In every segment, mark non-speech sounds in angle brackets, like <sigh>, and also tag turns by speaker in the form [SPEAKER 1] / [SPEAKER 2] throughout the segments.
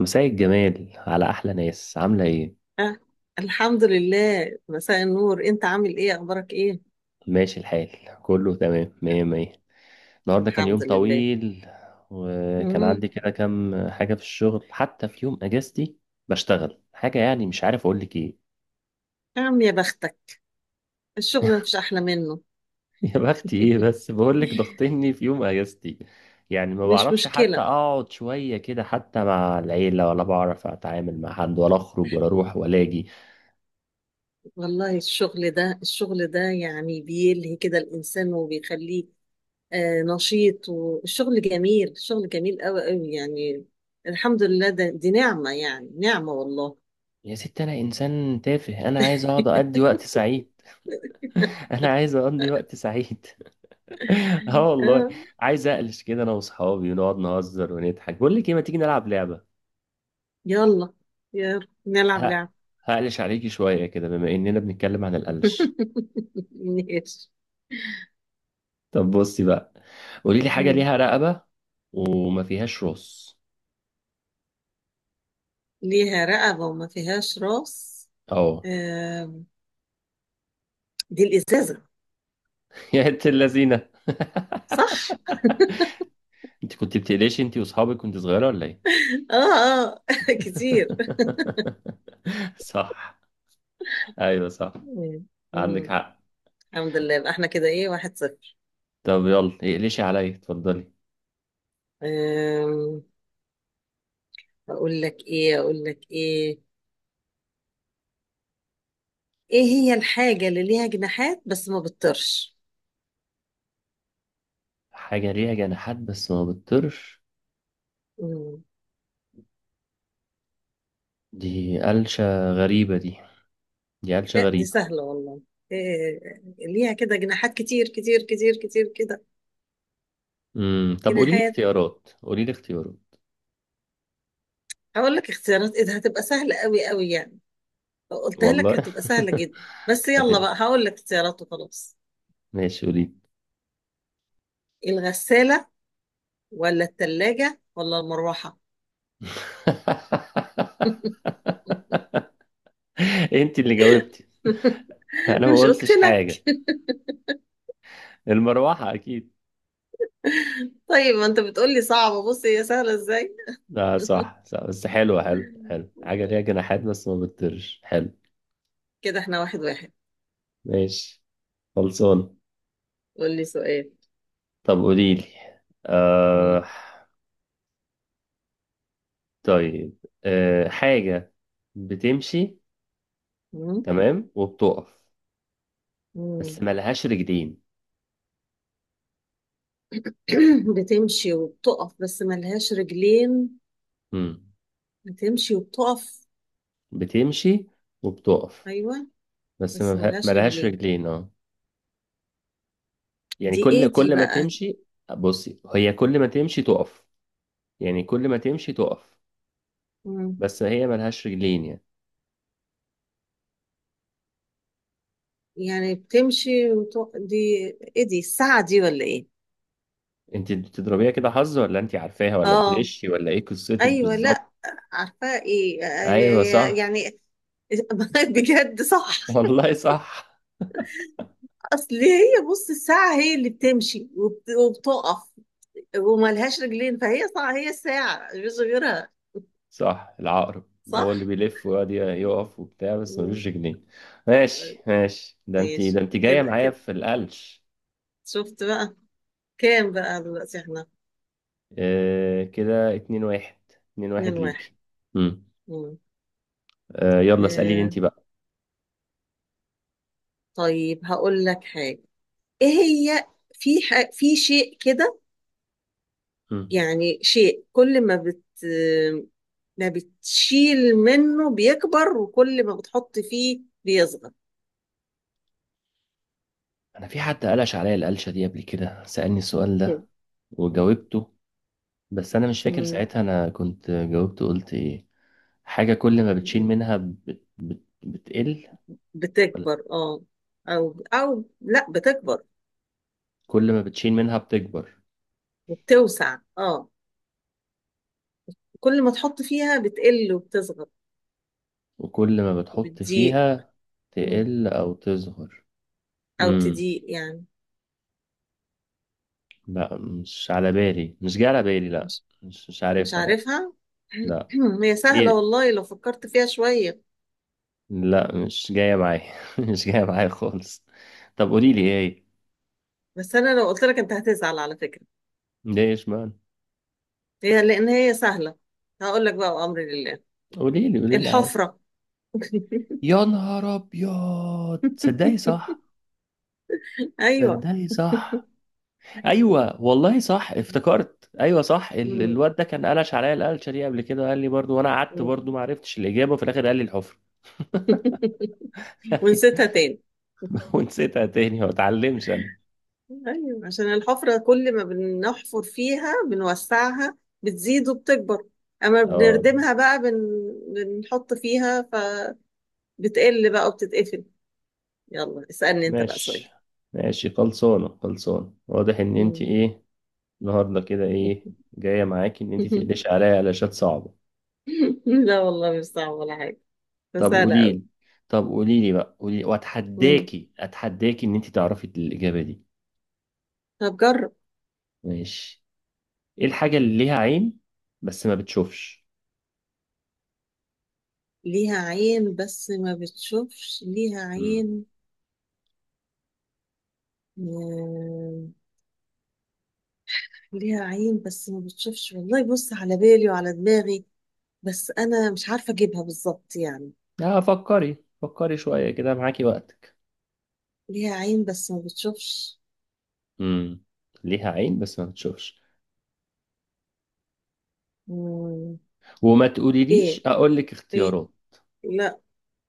[SPEAKER 1] مساء الجمال على أحلى ناس، عاملة إيه؟
[SPEAKER 2] آه. الحمد لله، مساء النور، انت عامل ايه؟ اخبارك ايه؟
[SPEAKER 1] ماشي الحال. كله تمام، مية مية. النهاردة كان يوم
[SPEAKER 2] الحمد لله.
[SPEAKER 1] طويل، وكان
[SPEAKER 2] امم
[SPEAKER 1] عندي كده كام حاجة في الشغل حتى في يوم أجازتي. بشتغل حاجة، يعني مش عارف أقولك إيه.
[SPEAKER 2] يا عم يا بختك. الشغل مفيش احلى منه.
[SPEAKER 1] <laughs> يا بختي إيه،
[SPEAKER 2] <laughs>
[SPEAKER 1] بس بقولك ضغطني في يوم أجازتي. يعني ما
[SPEAKER 2] مش
[SPEAKER 1] بعرفش حتى
[SPEAKER 2] مشكلة.
[SPEAKER 1] أقعد شوية كده حتى مع العيلة، ولا بعرف أتعامل مع حد ولا أخرج ولا أروح ولا أجي.
[SPEAKER 2] والله الشغل ده يعني بيلهي كده الانسان وبيخليه. آه، نشيط. والشغل جميل قوي قوي يعني. الحمد لله، دي نعمة، يعني نعمة والله.
[SPEAKER 1] يا ست أنا إنسان تافه، أنا عايز أقعد أقضي وقت سعيد. <laughs> أنا عايز أقضي وقت سعيد. <laughs> اه
[SPEAKER 2] <laughs>
[SPEAKER 1] والله.
[SPEAKER 2] آه.
[SPEAKER 1] عايز اقلش كده انا واصحابي، ونقعد نهزر ونضحك. بقول لك ايه، ما تيجي نلعب لعبه.
[SPEAKER 2] يلا، يلا نلعب
[SPEAKER 1] ه-
[SPEAKER 2] لعب.
[SPEAKER 1] هقلش عليكي شويه كده، بما اننا بنتكلم عن القلش.
[SPEAKER 2] <laughs> ماشي.
[SPEAKER 1] طب بصي بقى، قولي لي حاجه ليها رقبه وما فيهاش راس.
[SPEAKER 2] ليها رقبة وما فيهاش راس.
[SPEAKER 1] اه.
[SPEAKER 2] آم، دي الإزازة،
[SPEAKER 1] <laughs> يا انت اللذينه.
[SPEAKER 2] صح؟
[SPEAKER 1] <laughs> انت كنت بتقلشي انت واصحابك كنت صغيره ولا ايه؟
[SPEAKER 2] اه، اه، <laughs> كتير.
[SPEAKER 1] <laughs> صح. ايوه صح،
[SPEAKER 2] مم.
[SPEAKER 1] عندك
[SPEAKER 2] مم.
[SPEAKER 1] حق.
[SPEAKER 2] الحمد لله، يبقى احنا كده ايه، 1-0.
[SPEAKER 1] طب يلا اقلشي عليا، اتفضلي.
[SPEAKER 2] آم، أقول لك ايه، أقول لك ايه، ايه هي الحاجة اللي ليها جناحات بس ما بتطيرش؟
[SPEAKER 1] حاجه ليها جناحات بس ما بتطيرش؟
[SPEAKER 2] مم.
[SPEAKER 1] دي قلشة غريبة دي، دي قلشة
[SPEAKER 2] لا دي
[SPEAKER 1] غريبة.
[SPEAKER 2] سهلة والله. إيه، ليها كده جناحات كتير كتير كتير كتير كده.
[SPEAKER 1] امم، طب قولي لي
[SPEAKER 2] جناحات.
[SPEAKER 1] اختيارات، قولي لي اختيارات.
[SPEAKER 2] هقول لك اختيارات ايه؟ ده هتبقى سهلة قوي قوي يعني، لو قلتها
[SPEAKER 1] والله.
[SPEAKER 2] لك هتبقى سهلة جدا.
[SPEAKER 1] <laughs>
[SPEAKER 2] بس
[SPEAKER 1] هت...
[SPEAKER 2] يلا بقى هقول لك اختيارات وخلاص.
[SPEAKER 1] ماشي قولي.
[SPEAKER 2] الغسالة، ولا التلاجة، ولا المروحة؟ <laughs>
[SPEAKER 1] <laughs> انت اللي جاوبتي. <laughs> انا ما
[SPEAKER 2] مش قلت
[SPEAKER 1] قلتش حاجة.
[SPEAKER 2] لك؟
[SPEAKER 1] المروحة اكيد.
[SPEAKER 2] طيب ما انت بتقولي صعبة، بص هي سهلة ازاي.
[SPEAKER 1] اه صح صح، بس حلوة، حلو حلو، حاجة ليها
[SPEAKER 2] <laughs>
[SPEAKER 1] جناحات بس ما بتطيرش، حلو.
[SPEAKER 2] كده احنا 1-1.
[SPEAKER 1] ماشي، خلصان.
[SPEAKER 2] قول لي سؤال.
[SPEAKER 1] طب قولي لي.
[SPEAKER 2] مم.
[SPEAKER 1] آه... طيب، حاجة بتمشي،
[SPEAKER 2] مم.
[SPEAKER 1] تمام، وبتقف بس
[SPEAKER 2] مم.
[SPEAKER 1] ملهاش رجلين.
[SPEAKER 2] <clears throat> بتمشي وبتقف بس ملهاش رجلين.
[SPEAKER 1] مم.
[SPEAKER 2] بتمشي وبتقف،
[SPEAKER 1] بتمشي وبتقف
[SPEAKER 2] ايوه،
[SPEAKER 1] بس
[SPEAKER 2] بس
[SPEAKER 1] ما
[SPEAKER 2] ملهاش
[SPEAKER 1] لهاش
[SPEAKER 2] رجلين.
[SPEAKER 1] رجلين اه. يعني
[SPEAKER 2] دي ايه
[SPEAKER 1] كل
[SPEAKER 2] دي
[SPEAKER 1] كل ما
[SPEAKER 2] بقى؟
[SPEAKER 1] تمشي، بصي هي كل ما تمشي تقف، يعني كل ما تمشي تقف
[SPEAKER 2] مم.
[SPEAKER 1] بس هي ما لهاش رجلين يعني.
[SPEAKER 2] يعني بتمشي دي. ايه دي، الساعة دي ولا ايه؟
[SPEAKER 1] انت بتضربيها كده حظ، ولا انت عارفاها، ولا
[SPEAKER 2] اه،
[SPEAKER 1] بتغشي، ولا ايه قصتك
[SPEAKER 2] ايوه،
[SPEAKER 1] بالظبط؟
[SPEAKER 2] لا، عارفة ايه
[SPEAKER 1] ايوه صح.
[SPEAKER 2] يعني. <laughs> بجد
[SPEAKER 1] <laughs>
[SPEAKER 2] صح.
[SPEAKER 1] والله صح.
[SPEAKER 2] اصل هي بص، الساعة هي اللي بتمشي وبتقف وملهاش رجلين، فهي صح، هي الساعة مش غيرها.
[SPEAKER 1] صح، العقرب هو اللي
[SPEAKER 2] صح.
[SPEAKER 1] بيلف ويقعد يقف وبتاع بس
[SPEAKER 2] مم،
[SPEAKER 1] ملوش رجلين.
[SPEAKER 2] آه،
[SPEAKER 1] ماشي ماشي، ده انت،
[SPEAKER 2] ماشي
[SPEAKER 1] ده انت جايه
[SPEAKER 2] كده
[SPEAKER 1] معايا
[SPEAKER 2] كده.
[SPEAKER 1] في القلش.
[SPEAKER 2] شفت بقى؟ كام بقى دلوقتي احنا؟
[SPEAKER 1] آه كده اتنين واحد، اتنين واحد
[SPEAKER 2] 2-1.
[SPEAKER 1] ليكي. مم.
[SPEAKER 2] مم.
[SPEAKER 1] آه يلا اسألي لي
[SPEAKER 2] آه،
[SPEAKER 1] انت بقى.
[SPEAKER 2] طيب هقول لك حاجة، ايه هي. في شيء كده،
[SPEAKER 1] مم.
[SPEAKER 2] يعني شيء كل ما بتشيل منه بيكبر وكل ما بتحط فيه بيصغر.
[SPEAKER 1] انا في حد قلش عليا القلشة دي قبل كده، سألني السؤال ده
[SPEAKER 2] <laughs>
[SPEAKER 1] وجاوبته، بس انا مش فاكر
[SPEAKER 2] مم.
[SPEAKER 1] ساعتها انا كنت جاوبت قلت ايه. حاجة كل ما بتشيل منها بت بتقل ولا
[SPEAKER 2] بتكبر اه. او او لا، بتكبر
[SPEAKER 1] كل ما بتشيل منها بتكبر،
[SPEAKER 2] وبتوسع، اه. كل ما تحط فيها بتقل وبتصغر
[SPEAKER 1] وكل ما بتحط
[SPEAKER 2] وبتضيق.
[SPEAKER 1] فيها
[SPEAKER 2] مم.
[SPEAKER 1] تقل او تصغر.
[SPEAKER 2] او
[SPEAKER 1] امم،
[SPEAKER 2] تضيق يعني.
[SPEAKER 1] لا مش على بالي، مش جاي على بالي، لا.
[SPEAKER 2] مش
[SPEAKER 1] مش
[SPEAKER 2] مش
[SPEAKER 1] عارفها لا.
[SPEAKER 2] عارفها.
[SPEAKER 1] لا
[SPEAKER 2] <clears throat> هي سهلة
[SPEAKER 1] ايه،
[SPEAKER 2] والله لو فكرت فيها شوية.
[SPEAKER 1] لا مش جاية معايا. <laughs> مش جاية معايا خالص. طب قولي لي ايه.
[SPEAKER 2] بس انا لو قلت لك انت هتزعل على فكرة،
[SPEAKER 1] ليه اشمعنى؟
[SPEAKER 2] هي لان هي سهلة. هقول لك بقى وامر لله.
[SPEAKER 1] قولي لي قولي لي عادي.
[SPEAKER 2] الحفرة. <laughs>
[SPEAKER 1] يا نهار ابيض، تصدقي صح؟
[SPEAKER 2] أيوة.
[SPEAKER 1] تصدقي صح. ايوه والله صح، افتكرت، ايوه صح،
[SPEAKER 2] مم.
[SPEAKER 1] الواد ده كان قلش عليا القلشه دي قبل كده، قال لي برضو وانا قعدت برضو
[SPEAKER 2] مم.
[SPEAKER 1] ما عرفتش الاجابه، وفي الاخر قال لي الحفر.
[SPEAKER 2] <laughs> ونسيتها
[SPEAKER 1] <laughs>
[SPEAKER 2] تاني.
[SPEAKER 1] ونسيتها تاني، ما اتعلمش انا.
[SPEAKER 2] أيوة، عشان الحفرة كل ما بنحفر فيها بنوسعها بتزيد وبتكبر، أما
[SPEAKER 1] اه
[SPEAKER 2] بنردمها بقى بنحط فيها، فبتقل بقى وبتتقفل. يلا اسألني أنت بقى سؤال.
[SPEAKER 1] ماشي ماشي، خلصانه خلصانه، واضح ان انت
[SPEAKER 2] مم.
[SPEAKER 1] ايه النهارده كده، ايه جايه معاكي ان انت تقلش
[SPEAKER 2] <laughs>
[SPEAKER 1] عليا قلاشات صعبه.
[SPEAKER 2] لا والله مش صعب ولا حاجة، بس
[SPEAKER 1] طب
[SPEAKER 2] سهلة
[SPEAKER 1] قولي
[SPEAKER 2] أوي.
[SPEAKER 1] لي، طب قولي لي بقى، قولي
[SPEAKER 2] مم.
[SPEAKER 1] واتحداكي، اتحداكي ان انت تعرفي الاجابه دي.
[SPEAKER 2] طب جرب.
[SPEAKER 1] ماشي. ايه الحاجه اللي ليها عين بس ما بتشوفش؟
[SPEAKER 2] ليها عين بس ما بتشوفش، ليها
[SPEAKER 1] امم،
[SPEAKER 2] عين. آه، ليها عين بس ما بتشوفش، والله بص، على بالي وعلى دماغي، بس انا مش عارفه اجيبها بالظبط يعني.
[SPEAKER 1] اه فكري، فكري شويه كده، معاكي وقتك.
[SPEAKER 2] ليها عين بس ما بتشوفش.
[SPEAKER 1] امم، ليها عين بس ما بتشوفش.
[SPEAKER 2] مم،
[SPEAKER 1] وما تقوليليش
[SPEAKER 2] ايه،
[SPEAKER 1] اقول لك
[SPEAKER 2] ايه،
[SPEAKER 1] اختيارات.
[SPEAKER 2] لا،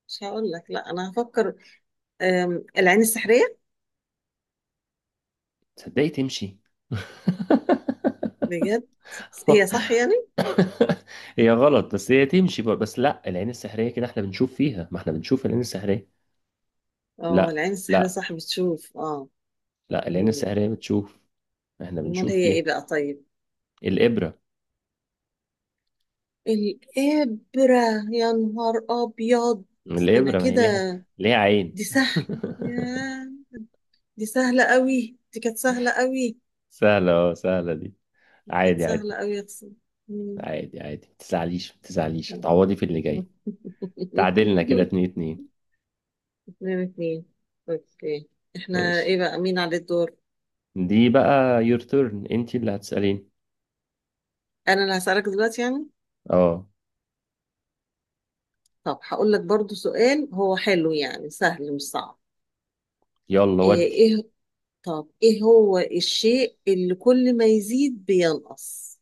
[SPEAKER 2] مش هقول لك، لا انا هفكر. العين السحريه.
[SPEAKER 1] تصدقي تمشي.
[SPEAKER 2] بجد. هي
[SPEAKER 1] <laughs>
[SPEAKER 2] صح يعني؟
[SPEAKER 1] <laughs> هي غلط، بس هي تمشي بقى. بس لا، العين السحرية كده احنا بنشوف فيها، ما احنا بنشوف العين السحرية.
[SPEAKER 2] اه،
[SPEAKER 1] لا
[SPEAKER 2] العين السحريه
[SPEAKER 1] لا
[SPEAKER 2] صح بتشوف، اه.
[SPEAKER 1] لا، العين
[SPEAKER 2] مم.
[SPEAKER 1] السحرية بتشوف، احنا
[SPEAKER 2] امال
[SPEAKER 1] بنشوف
[SPEAKER 2] هي
[SPEAKER 1] فيها.
[SPEAKER 2] ايه بقى طيب؟
[SPEAKER 1] الإبرة.
[SPEAKER 2] الابره، يا نهار ابيض. ده انا
[SPEAKER 1] الإبرة ما هي
[SPEAKER 2] كده.
[SPEAKER 1] ليها، ليها عين.
[SPEAKER 2] دي سهل.
[SPEAKER 1] <laughs>
[SPEAKER 2] دي سهلة قوي، دي كانت سهلة قوي.
[SPEAKER 1] سهلة، اه سهلة دي.
[SPEAKER 2] دي كانت
[SPEAKER 1] عادي عادي،
[SPEAKER 2] سهلة قوي، اقسم. مم.
[SPEAKER 1] عادي عادي، ما تزعليش ما تزعليش،
[SPEAKER 2] مم.
[SPEAKER 1] هتعوضي في اللي جاي.
[SPEAKER 2] <laughs>
[SPEAKER 1] تعادلنا كده اتنين اتنين.
[SPEAKER 2] 2-2. اوكي. احنا ايه
[SPEAKER 1] ماشي.
[SPEAKER 2] بقى، مين على الدور؟
[SPEAKER 1] دي بقى يور تيرن، انت اللي هتسألين.
[SPEAKER 2] انا اللي هسألك دلوقتي يعني.
[SPEAKER 1] اه
[SPEAKER 2] طب هقول لك برضو سؤال، هو حلو يعني، سهل مش صعب.
[SPEAKER 1] يلا ودي.
[SPEAKER 2] ايه إيه- طب ايه هو الشيء اللي كل ما يزيد بينقص؟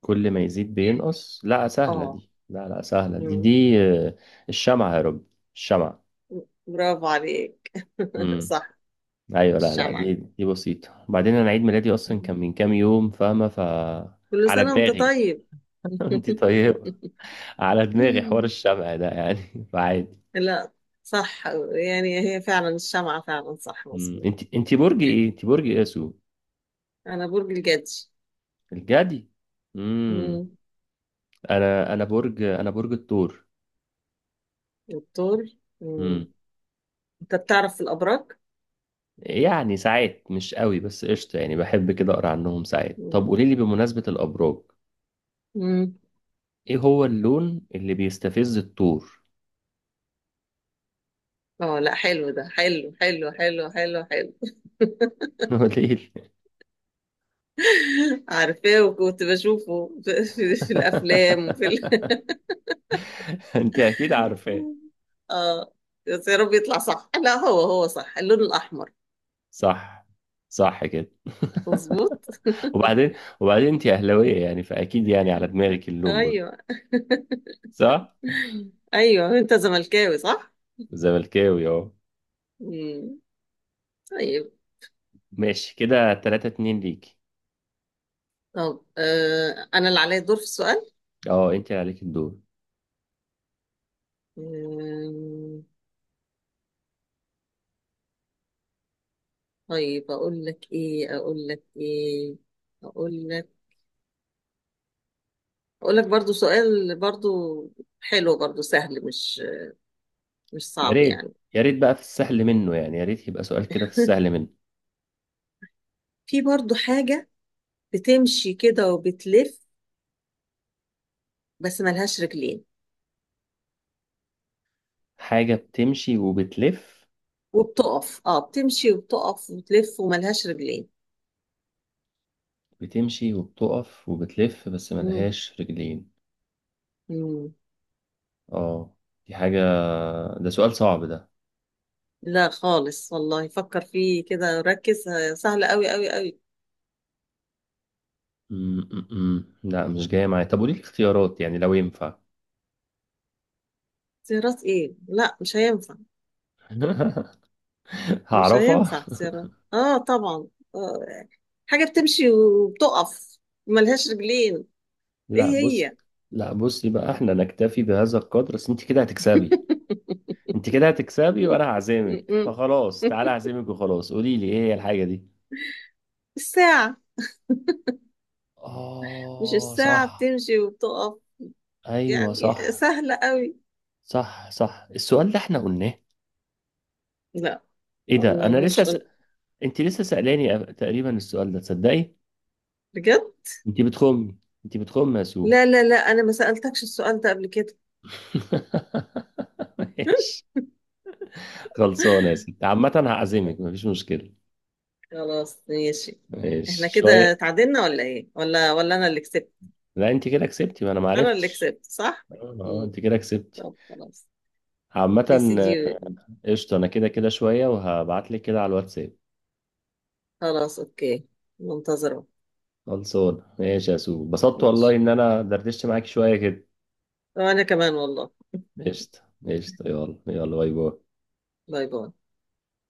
[SPEAKER 1] كل ما يزيد بينقص؟ لا سهلة
[SPEAKER 2] اه.
[SPEAKER 1] دي، لا لا سهلة دي،
[SPEAKER 2] مم.
[SPEAKER 1] دي آه، الشمعة يا رب، الشمعة.
[SPEAKER 2] برافو عليك. <laughs>
[SPEAKER 1] امم،
[SPEAKER 2] صح.
[SPEAKER 1] ايوه لا لا،
[SPEAKER 2] الشمع.
[SPEAKER 1] دي دي بسيطة، وبعدين انا عيد ميلادي اصلا
[SPEAKER 2] مم.
[SPEAKER 1] كان من كام يوم فاهمة، ف
[SPEAKER 2] كل
[SPEAKER 1] على
[SPEAKER 2] سنة وانت
[SPEAKER 1] دماغي.
[SPEAKER 2] طيب.
[SPEAKER 1] <laughs> انت طيبة.
[SPEAKER 2] <laughs>
[SPEAKER 1] على دماغي حوار
[SPEAKER 2] مم.
[SPEAKER 1] الشمع ده يعني. <laughs> فعادي.
[SPEAKER 2] لا، صح، يعني هي فعلا الشمعة، فعلا صح
[SPEAKER 1] امم،
[SPEAKER 2] مظبوط.
[SPEAKER 1] انت انت برج ايه، انت برج ايه يا سو؟
[SPEAKER 2] أنا برج الجدي.
[SPEAKER 1] الجدي. امم.
[SPEAKER 2] مم.
[SPEAKER 1] انا انا برج، انا برج الثور.
[SPEAKER 2] الثور. مم.
[SPEAKER 1] امم.
[SPEAKER 2] أنت بتعرف في الأبراج؟
[SPEAKER 1] يعني ساعات مش قوي بس قشطة، يعني بحب كده اقرا عنهم ساعات. طب
[SPEAKER 2] مم.
[SPEAKER 1] قولي لي بمناسبة الابراج،
[SPEAKER 2] مم.
[SPEAKER 1] ايه هو اللون اللي بيستفز الطور؟
[SPEAKER 2] اه، لا، حلو ده، حلو حلو حلو حلو حلو.
[SPEAKER 1] <laughs> هو ليه؟
[SPEAKER 2] <laughs> عارفاه، وكنت بشوفه <laughs> في الأفلام
[SPEAKER 1] <laughs> انت اكيد عارفاه.
[SPEAKER 2] <laughs> اه، بس يا رب يطلع صح. لا هو صح، اللون الأحمر.
[SPEAKER 1] صح، صح كده. <laughs>
[SPEAKER 2] مظبوط.
[SPEAKER 1] وبعدين، وبعدين انت اهلاويه يعني، فاكيد يعني على دماغك اللون برضه.
[SPEAKER 2] أيوه.
[SPEAKER 1] صح.
[SPEAKER 2] أيوه، أنت زملكاوي صح؟
[SPEAKER 1] زملكاوي اهو.
[SPEAKER 2] مم. طيب.
[SPEAKER 1] ماشي كده 3 2 ليكي.
[SPEAKER 2] طب انا اللي عليا الدور في السؤال.
[SPEAKER 1] اه انت عليك الدور.
[SPEAKER 2] آه. طيب اقول لك ايه، اقول لك ايه، اقول لك، اقول لك برضو سؤال، برضو حلو، برضو سهل، مش
[SPEAKER 1] يا
[SPEAKER 2] صعب
[SPEAKER 1] ريت،
[SPEAKER 2] يعني.
[SPEAKER 1] يا ريت بقى في السهل منه، يعني يا ريت يبقى سؤال كده في السهل
[SPEAKER 2] <laughs>
[SPEAKER 1] منه.
[SPEAKER 2] في برضو حاجة بتمشي كده وبتلف، بس ملهاش رجلين.
[SPEAKER 1] حاجه بتمشي وبتلف،
[SPEAKER 2] وبتقف، اه، بتمشي وبتقف وتلف وملهاش رجلين.
[SPEAKER 1] بتمشي وبتقف وبتلف بس
[SPEAKER 2] مم.
[SPEAKER 1] ملهاش رجلين.
[SPEAKER 2] مم.
[SPEAKER 1] اه دي حاجة، ده سؤال صعب ده.
[SPEAKER 2] لا خالص والله، فكر فيه كده، ركز، سهل قوي قوي قوي.
[SPEAKER 1] لا مش جاية معايا. طب قولي لي اختيارات يعني لو ينفع.
[SPEAKER 2] زي راس ايه، لا مش هينفع.
[SPEAKER 1] <laughs>
[SPEAKER 2] مش
[SPEAKER 1] هعرفها.
[SPEAKER 2] هينفع، كتيرة. اه طبعا. آه. حاجة بتمشي وبتقف، ملهاش رجلين. ايه
[SPEAKER 1] لا بص،
[SPEAKER 2] هي؟
[SPEAKER 1] لا بص، يبقى احنا نكتفي بهذا القدر، بس انت كده هتكسبي، انت كده هتكسبي وانا هعزمك،
[SPEAKER 2] <laughs>
[SPEAKER 1] فخلاص تعالى اعزمك وخلاص. قولي لي ايه هي الحاجة دي.
[SPEAKER 2] الساعة. مش
[SPEAKER 1] اه
[SPEAKER 2] الساعة
[SPEAKER 1] صح.
[SPEAKER 2] بتمشي وبتقف؟
[SPEAKER 1] ايوه
[SPEAKER 2] يعني
[SPEAKER 1] صح.
[SPEAKER 2] سهلة قوي.
[SPEAKER 1] صح صح، السؤال ده احنا قلناه.
[SPEAKER 2] لا.
[SPEAKER 1] ايه ده، انا
[SPEAKER 2] ملهوش قل-
[SPEAKER 1] انت لسه سألاني، تقريبا السؤال ده، تصدقي
[SPEAKER 2] بجد.
[SPEAKER 1] انت بتخمي، انت بتخمي يا سو.
[SPEAKER 2] لا لا لا، انا ما سألتكش السؤال ده قبل كده.
[SPEAKER 1] <laughs> ماشي، خلصانة يا
[SPEAKER 2] <laughs>
[SPEAKER 1] ستي، عامة هعزمك مفيش مشكلة.
[SPEAKER 2] خلاص ماشي.
[SPEAKER 1] ماشي
[SPEAKER 2] احنا كده
[SPEAKER 1] شوية.
[SPEAKER 2] اتعادلنا ولا ايه، ولا انا اللي كسبت؟
[SPEAKER 1] لا انت كده كسبتي، ما انا
[SPEAKER 2] انا اللي
[SPEAKER 1] معرفتش.
[SPEAKER 2] كسبت، صح.
[SPEAKER 1] اه آه،
[SPEAKER 2] مم.
[SPEAKER 1] انت كده كسبتي.
[SPEAKER 2] طب خلاص. يا
[SPEAKER 1] عامة آه،
[SPEAKER 2] سيدي.
[SPEAKER 1] قشطة. انا كده كده شوية وهبعتلك كده على الواتساب.
[SPEAKER 2] خلاص اوكي. منتظرة.
[SPEAKER 1] خلصانة ماشي يا سو، اتبسطت والله
[SPEAKER 2] ماشي.
[SPEAKER 1] ان انا دردشت معاك شوية كده.
[SPEAKER 2] وانا كمان والله.
[SPEAKER 1] قشطة، قشطة، يلا يلا باي باي.
[SPEAKER 2] باي باي.